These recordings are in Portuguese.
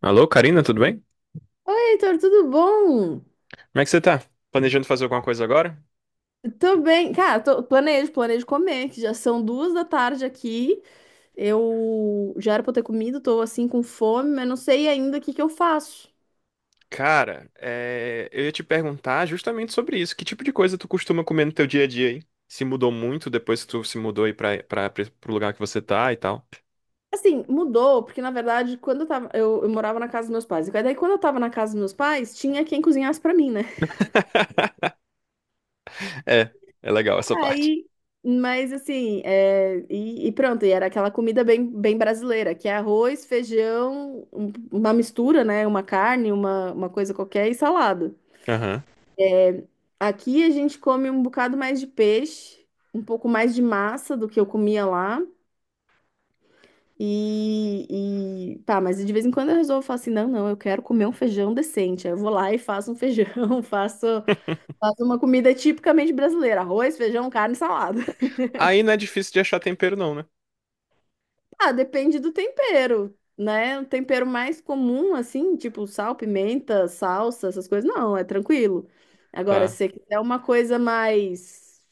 Alô, Karina, tudo bem? Oi, Heitor, tudo bom? Como é que você tá? Planejando fazer alguma coisa agora? Tô bem. Cara, planejo comer, que já são duas da tarde aqui. Eu já era pra eu ter comido, tô assim com fome, mas não sei ainda o que que eu faço. Cara, eu ia te perguntar justamente sobre isso. Que tipo de coisa tu costuma comer no teu dia a dia, hein? Se mudou muito depois que tu se mudou aí pro lugar que você tá e tal. Assim, mudou, porque na verdade, quando eu tava, eu morava na casa dos meus pais. E daí, quando eu tava na casa dos meus pais, tinha quem cozinhasse pra mim, né? É, é legal essa parte. Aí, mas assim, pronto, e era aquela comida bem brasileira, que é arroz, feijão, uma mistura, né? Uma carne, uma coisa qualquer e salada. Aham. Aqui a gente come um bocado mais de peixe, um pouco mais de massa do que eu comia lá. E tá, mas de vez em quando eu resolvo falar assim: não, não, eu quero comer um feijão decente. Aí eu vou lá e faço um feijão, faço, faço uma comida tipicamente brasileira: arroz, feijão, carne e salada. Aí não é difícil de achar tempero, não, né? Ah, depende do tempero, né? O tempero mais comum, assim, tipo sal, pimenta, salsa, essas coisas, não, é tranquilo. Agora, se Tá. você quiser uma coisa mais,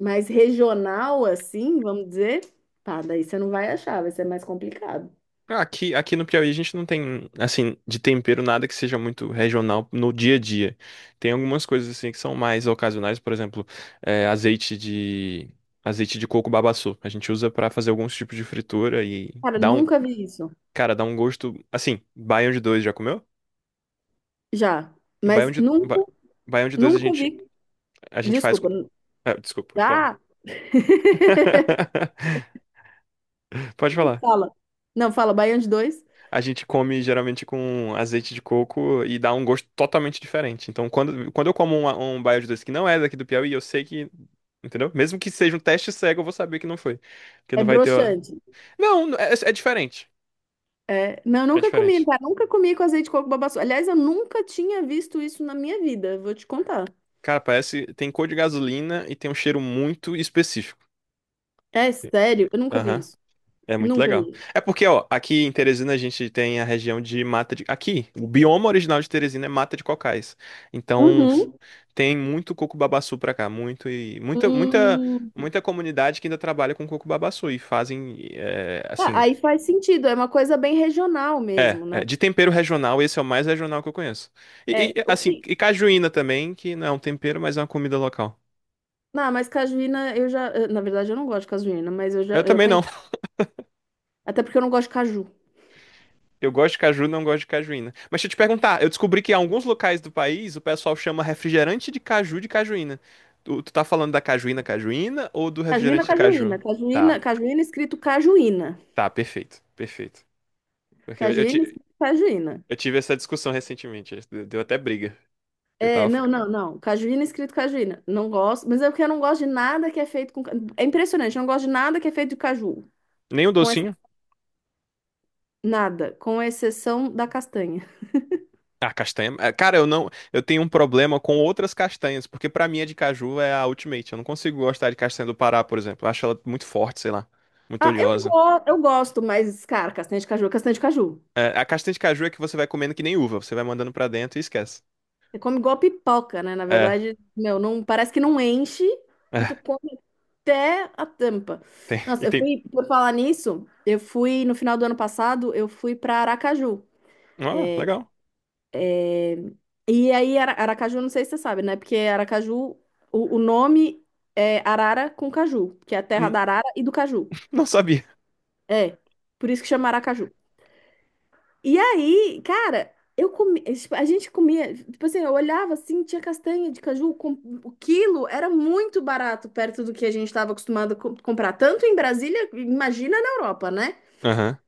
mais regional, assim, vamos dizer, pá, daí você não vai achar, vai ser mais complicado. Ah, aqui no Piauí a gente não tem, assim, de tempero nada que seja muito regional no dia a dia. Tem algumas coisas, assim, que são mais ocasionais, por exemplo, é, azeite de, azeite de coco babaçu. A gente usa pra fazer alguns tipos de fritura e Cara, nunca vi isso. cara, dá um gosto, assim, baião de dois já comeu? Já, E mas nunca, baião de dois a nunca gente, vi. a gente faz com, Desculpa. Desculpa, pode falar. Ah, Pode falar. Fala. Não, fala, baião de dois. A gente come geralmente com azeite de coco e dá um gosto totalmente diferente. Então, quando eu como um baião de doce que não é daqui do Piauí, eu sei que. Entendeu? Mesmo que seja um teste cego, eu vou saber que não foi. Porque É não vai ter. Broxante. Não, é diferente. É, não, eu É nunca comi, diferente. tá? Nunca comi com azeite de coco babaçu. Aliás, eu nunca tinha visto isso na minha vida, vou te contar. Cara, parece. Tem cor de gasolina e tem um cheiro muito específico. É sério? Eu nunca vi Aham. isso. É muito Nunca legal. vi. É porque, ó, aqui em Teresina a gente tem a região de mata de. Aqui, o bioma original de Teresina é mata de cocais. Então, Uhum. tem muito coco babaçu pra cá, muito e muita, muita, Hum. muita comunidade que ainda trabalha com coco babaçu e fazem, Ah, assim, aí faz sentido, é uma coisa bem regional mesmo, né? De tempero regional, esse é o mais regional que eu conheço. E, É, e, o assim, que... e cajuína também, que não é um tempero, mas é uma comida local. Não, mas cajuína eu já... na verdade, eu não gosto de cajuína, mas eu já Eu eu também não. conheço. Até porque eu não gosto de caju. Eu gosto de caju, não gosto de cajuína. Mas deixa eu te perguntar, eu descobri que em alguns locais do país o pessoal chama refrigerante de caju de cajuína. Tu tá falando da cajuína cajuína ou do Cajuína, refrigerante de caju? cajuína. Tá, Cajuína, cajuína escrito cajuína. tá, perfeito, perfeito. Porque eu, eu Cajuína ti- escrito cajuína. eu tive essa discussão recentemente, deu até briga. Eu É, tava não, não, falando. não. Cajuína é escrito cajuína. Não gosto, mas é porque eu não gosto de nada que é feito com. É impressionante, eu não gosto de nada que é feito de caju. Nem o Com ex- docinho? Nada, com exceção da castanha. Ah, castanha. Ah, cara, eu não, eu tenho um problema com outras castanhas, porque pra mim a de caju é a ultimate. Eu não consigo gostar de castanha do Pará, por exemplo. Eu acho ela muito forte, sei lá, muito Ah, eu, oleosa. go... eu gosto, mas, cara, castanha de caju é castanha de caju. É, a castanha de caju é que você vai comendo que nem uva, você vai mandando pra dentro e esquece. Você come igual pipoca, né? Na É, verdade, meu, não... parece que não enche e tu é, come até a tampa. tem, Nossa, e eu tem. fui, por falar nisso, eu fui, no final do ano passado, eu fui pra Aracaju. Ah, legal. E aí, Aracaju, não sei se você sabe, né? Porque Aracaju, o nome é Arara com Caju, que é a terra Hum, da Arara e do Caju. Não sabia. É, por isso que chama Aracaju. E aí, cara, eu comi, tipo, a gente comia, tipo assim, eu olhava assim, tinha castanha de caju, com, o quilo era muito barato perto do que a gente estava acostumado a comprar, tanto em Brasília, imagina na Europa, né? Aham.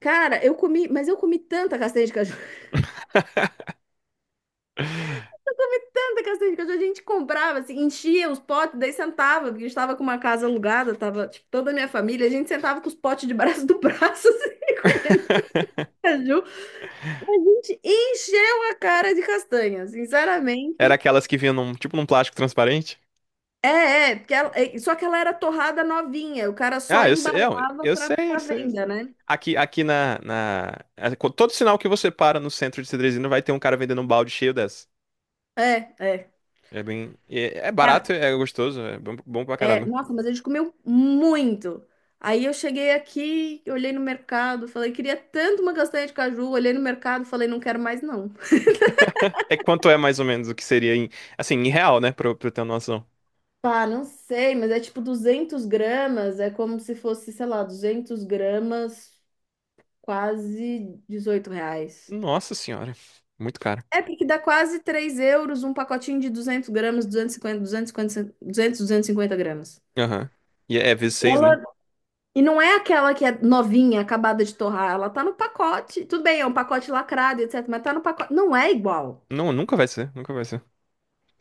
Cara, eu comi, mas eu comi tanta castanha de caju. Tanta castanha de caju, a gente comprava, assim, enchia os potes, daí sentava, porque a gente tava com uma casa alugada, tava, tipo, toda a minha família, a gente sentava com os potes de braço do braço, assim, comendo caju. A gente encheu a cara de castanha, Era sinceramente. aquelas que vinham num, tipo num plástico transparente? Porque só que ela era torrada novinha, o cara só Ah, eu sei, embalava eu pra, sei, eu pra sei, eu sei. venda, né? Aqui, aqui na, na. É, co- Todo sinal que você para no centro de Cedrezinho vai ter um cara vendendo um balde cheio dessa. É, é. É bem. É, Cara, barato, é gostoso, é bom, bom pra caramba. nossa, mas a gente comeu muito. Aí eu cheguei aqui, olhei no mercado, falei, queria tanto uma castanha de caju. Olhei no mercado, falei, não quero mais não. É quanto é mais ou menos o que seria em. Assim, em real, né? Pra eu ter uma noção. Ah, não sei, mas é tipo 200 gramas, é como se fosse, sei lá, 200 gramas, quase 18 reais. Nossa senhora. Muito caro. É porque dá quase 3 euros um pacotinho de 200 gramas, duzentos duzentos e cinquenta, duzentos, 250 gramas. Aham. E é V6, né? Ela E não é aquela que é novinha, acabada de torrar. Ela tá no pacote. Tudo bem, é um pacote lacrado, etc. Mas tá no pacote. Não é igual. Não, nunca vai ser, nunca vai ser.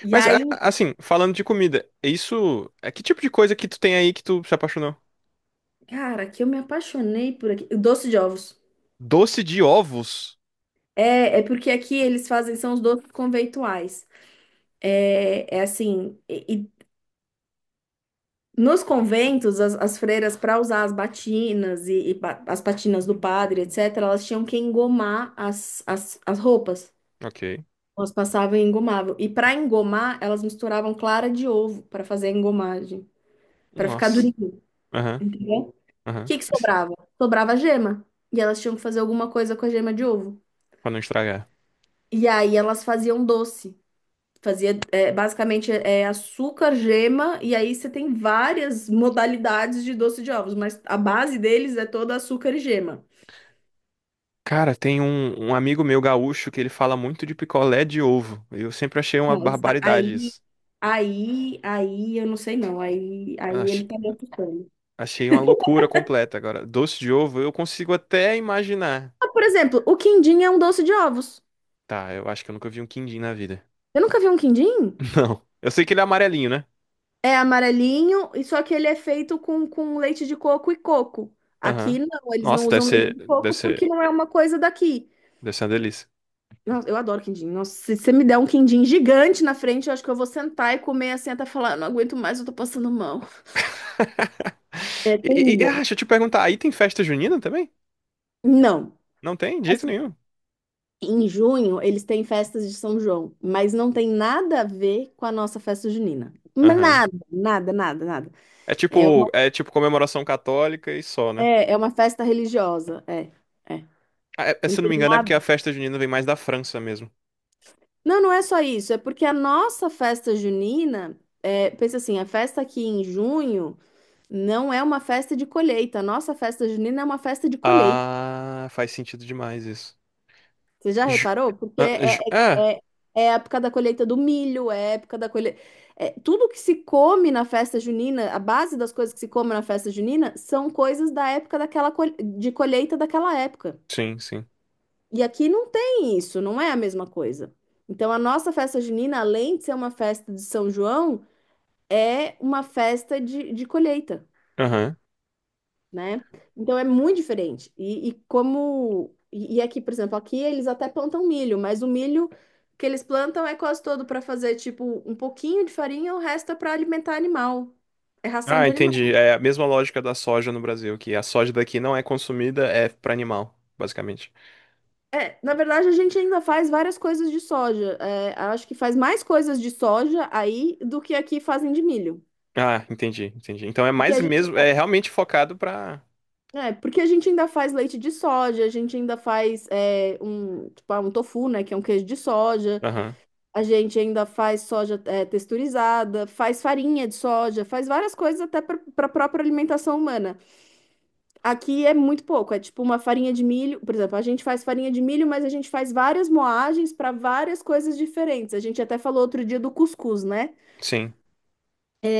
E Mas, aí, assim, falando de comida, isso. É que tipo de coisa que tu tem aí que tu se apaixonou? cara, que eu me apaixonei por aqui. Doce de ovos. Doce de ovos. É, é porque aqui eles fazem, são os doces conventuais. É, é assim. E nos conventos, as freiras, para usar as batinas e as patinas do padre, etc., elas tinham que engomar as, as, as roupas. Ok. Elas passavam em engomável. E para engomar, elas misturavam clara de ovo para fazer a engomagem, para ficar Nossa. durinho, Aham, entendeu? O aham. que que sobrava? Sobrava gema. E elas tinham que fazer alguma coisa com a gema de ovo. Pra não estragar. E aí elas faziam doce. Fazia basicamente é açúcar, gema, e aí você tem várias modalidades de doce de ovos, mas a base deles é toda açúcar e gema. Cara, tem um amigo meu gaúcho que ele fala muito de picolé de ovo. Eu sempre achei uma Não, barbaridade isso. Aí, eu não sei não. Aí, aí Ach- ele tá me assustando. Achei uma loucura completa. Agora, doce de ovo, eu consigo até imaginar. Ah, por exemplo, o quindim é um doce de ovos. Tá, eu acho que eu nunca vi um quindim na vida. Eu nunca vi um quindim? Não. Eu sei que ele é amarelinho, né? É amarelinho, e só que ele é feito com leite de coco e coco. Aqui Aham. não, eles não Nossa, deve usam leite ser, de deve coco porque ser, não é uma coisa daqui. deve ser uma delícia. Eu adoro quindim. Nossa, se você me der um quindim gigante na frente, eu acho que eu vou sentar e comer assim até falar, "Eu não aguento mais, eu tô passando mal. É E, e- e- ah, terrível. deixa eu te perguntar, aí tem festa junina também? Não. Não tem, de jeito Assim, nenhum. em junho eles têm festas de São João, mas não tem nada a ver com a nossa festa junina. Aham. Nada, nada, nada, nada. É É uma, tipo, é tipo comemoração católica e só, né? É uma festa religiosa, é. É. Ah, Tem se eu não me engano, é porque a nada festa junina vem mais da França mesmo. Não, não é só isso. É porque a nossa festa junina, é, pensa assim, a festa aqui em junho não é uma festa de colheita. A nossa festa junina é uma festa de colheita. Ah, faz sentido demais isso. Você já Ju- reparou? Porque Ah, ju- ah, é, é a época da colheita do milho, é a época da colheita. É, tudo que se come na festa junina, a base das coisas que se come na festa junina são coisas da época de colheita daquela época. sim, sim. E aqui não tem isso, não é a mesma coisa. Então, a nossa festa junina, além de ser uma festa de São João, é uma festa de colheita, Aham. né? Então é muito diferente. E como. E aqui, por exemplo, aqui eles até plantam milho, mas o milho que eles plantam é quase todo para fazer, tipo, um pouquinho de farinha, o resto é para alimentar animal. É ração Ah, de animal. entendi. É a mesma lógica da soja no Brasil, que a soja daqui não é consumida, é pra animal, basicamente. É, na verdade, a gente ainda faz várias coisas de soja. É, acho que faz mais coisas de soja aí do que aqui fazem de milho. Ah, entendi, entendi. Então é Porque mais a gente mesmo, é realmente focado pra. É, porque a gente ainda faz leite de soja, a gente ainda faz um tofu, né, que é um queijo de soja, Aham, a gente ainda faz soja texturizada, faz farinha de soja, faz várias coisas até para a própria alimentação humana. Aqui é muito pouco, é tipo uma farinha de milho, por exemplo, a gente faz farinha de milho, mas a gente faz várias moagens para várias coisas diferentes. A gente até falou outro dia do cuscuz, né? sim.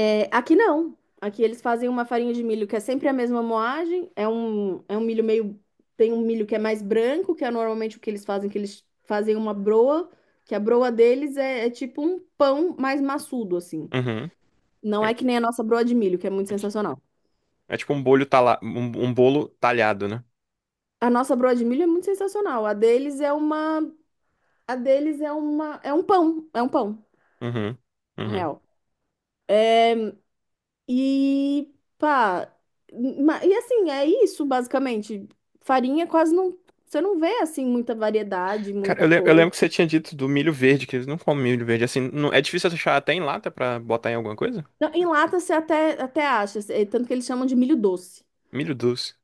É, aqui não. Aqui eles fazem uma farinha de milho que é sempre a mesma moagem. É um milho meio. Tem um milho que é mais branco, que é normalmente o que eles fazem uma broa, que a broa deles é, é tipo um pão mais maçudo, assim. Uhum. Não é É, que nem a nossa broa de milho, que é muito é ti- sensacional. é tipo um bolo talhado, né? A nossa broa de milho é muito sensacional. A deles é uma. A deles é uma. É um pão. É um pão, Uhum. na Uhum. real. E pá, e assim, é isso basicamente. Farinha quase não, você não vê assim muita variedade, Cara, eu, muita le- eu coisa. lembro que você tinha dito do milho verde, que eles não comem milho verde assim. É difícil achar até em lata pra botar em alguma coisa? Não, em lata você até acha, é, tanto que eles chamam de milho doce. Milho doce.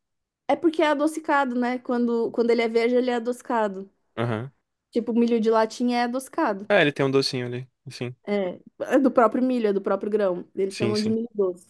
É porque é adocicado, né? Quando ele é verde, ele é adocicado. Aham. Tipo, milho de latinha é adocicado. É, ele tem um docinho ali. Sim, É, é do próprio milho, é do próprio grão. Eles sim, chamam de sim. milho doce.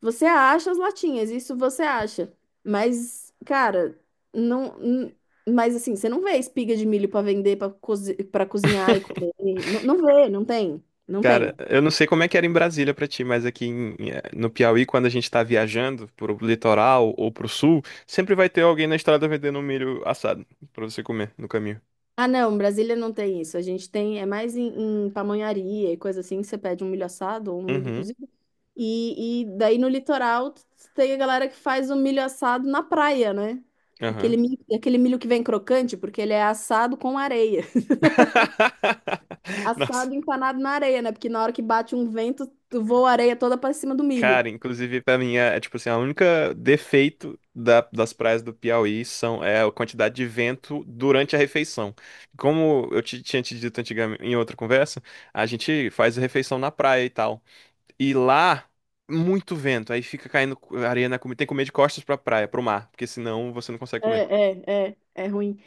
Você acha as latinhas, isso você acha. Mas, cara, não. n- mas assim, você não vê espiga de milho pra vender, pra cozi para cozinhar e comer. Não, não vê, não tem. Não Cara, tem. eu não sei como é que era em Brasília pra ti, mas aqui no Piauí, quando a gente tá viajando pro litoral ou pro sul, sempre vai ter alguém na estrada vendendo um milho assado pra você comer no caminho. Ah, não, Brasília não tem isso. A gente tem, é mais em pamonharia e coisa assim, que você pede um milho assado ou um milho Uhum, cozido. E daí no litoral tem a galera que faz o milho assado na praia, né? Aquele aham. milho, aquele milho que vem crocante, porque ele é assado com areia. Nossa, Assado empanado na areia, né? Porque na hora que bate um vento, tu voa a areia toda pra cima do milho. cara, inclusive pra mim é, tipo assim, a única defeito das praias do Piauí são é a quantidade de vento durante a refeição. Como eu te, tinha te dito antigamente em outra conversa, a gente faz a refeição na praia e tal. E lá, muito vento. Aí fica caindo areia na comida. Tem que comer de costas pra praia, pro mar. Porque senão você não consegue comer. É ruim.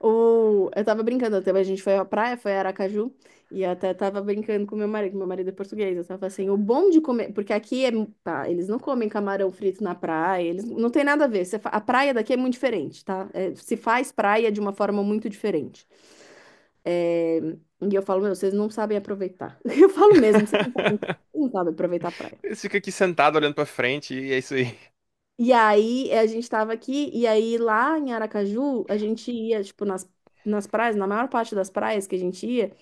Eu tava brincando, até a gente foi à praia, foi a Aracaju, e eu até tava brincando com meu marido, que meu marido é português. Eu tava assim, o bom de comer, porque aqui é, tá, eles não comem camarão frito na praia, eles não tem nada a ver. A praia daqui é muito diferente, tá? É, se faz praia de uma forma muito diferente. É, e eu falo, meu, vocês não sabem aproveitar. Eu falo mesmo, vocês não sabem, não sabem aproveitar a praia. Você fica aqui sentado olhando pra frente e é isso aí. E aí a gente tava aqui, e aí lá em Aracaju, a gente ia, tipo, nas praias, na maior parte das praias que a gente ia,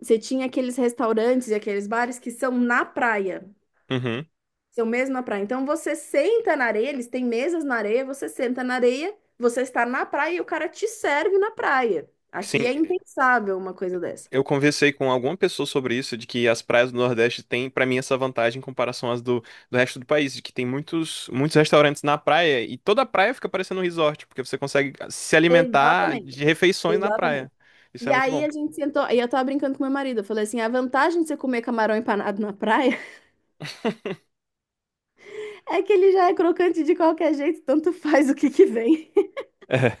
você tinha aqueles restaurantes e aqueles bares que são na praia, Uhum. são mesmo na praia. Então você senta na areia, eles têm mesas na areia, você senta na areia, você está na praia e o cara te serve na praia. Aqui Sim, é impensável uma coisa dessa. eu conversei com alguma pessoa sobre isso, de que as praias do Nordeste têm, pra mim, essa vantagem em comparação às do resto do país, de que tem muitos, muitos restaurantes na praia e toda a praia fica parecendo um resort, porque você consegue se alimentar Exatamente, de refeições na praia. exatamente. Isso é E muito aí bom. a gente sentou, e eu tava brincando com meu marido, eu falei assim, a vantagem de você comer camarão empanado na praia é que ele já é crocante de qualquer jeito, tanto faz o que que vem.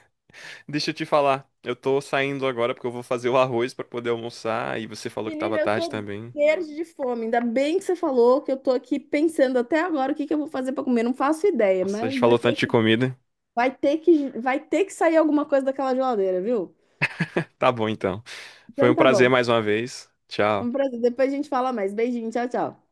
Deixa eu te falar, eu tô saindo agora porque eu vou fazer o arroz pra poder almoçar e você falou que tava Menina, eu tarde tô também. verde de fome. Ainda bem que você falou que eu tô aqui pensando até agora o que que eu vou fazer pra comer. Não faço ideia, Nossa, a gente mas falou tanto de comida. Vai ter que sair alguma coisa daquela geladeira, viu? Tá bom então. Foi Então um tá prazer bom. mais uma vez. Tchau. Vamos pra... Depois a gente fala mais. Beijinho, tchau, tchau.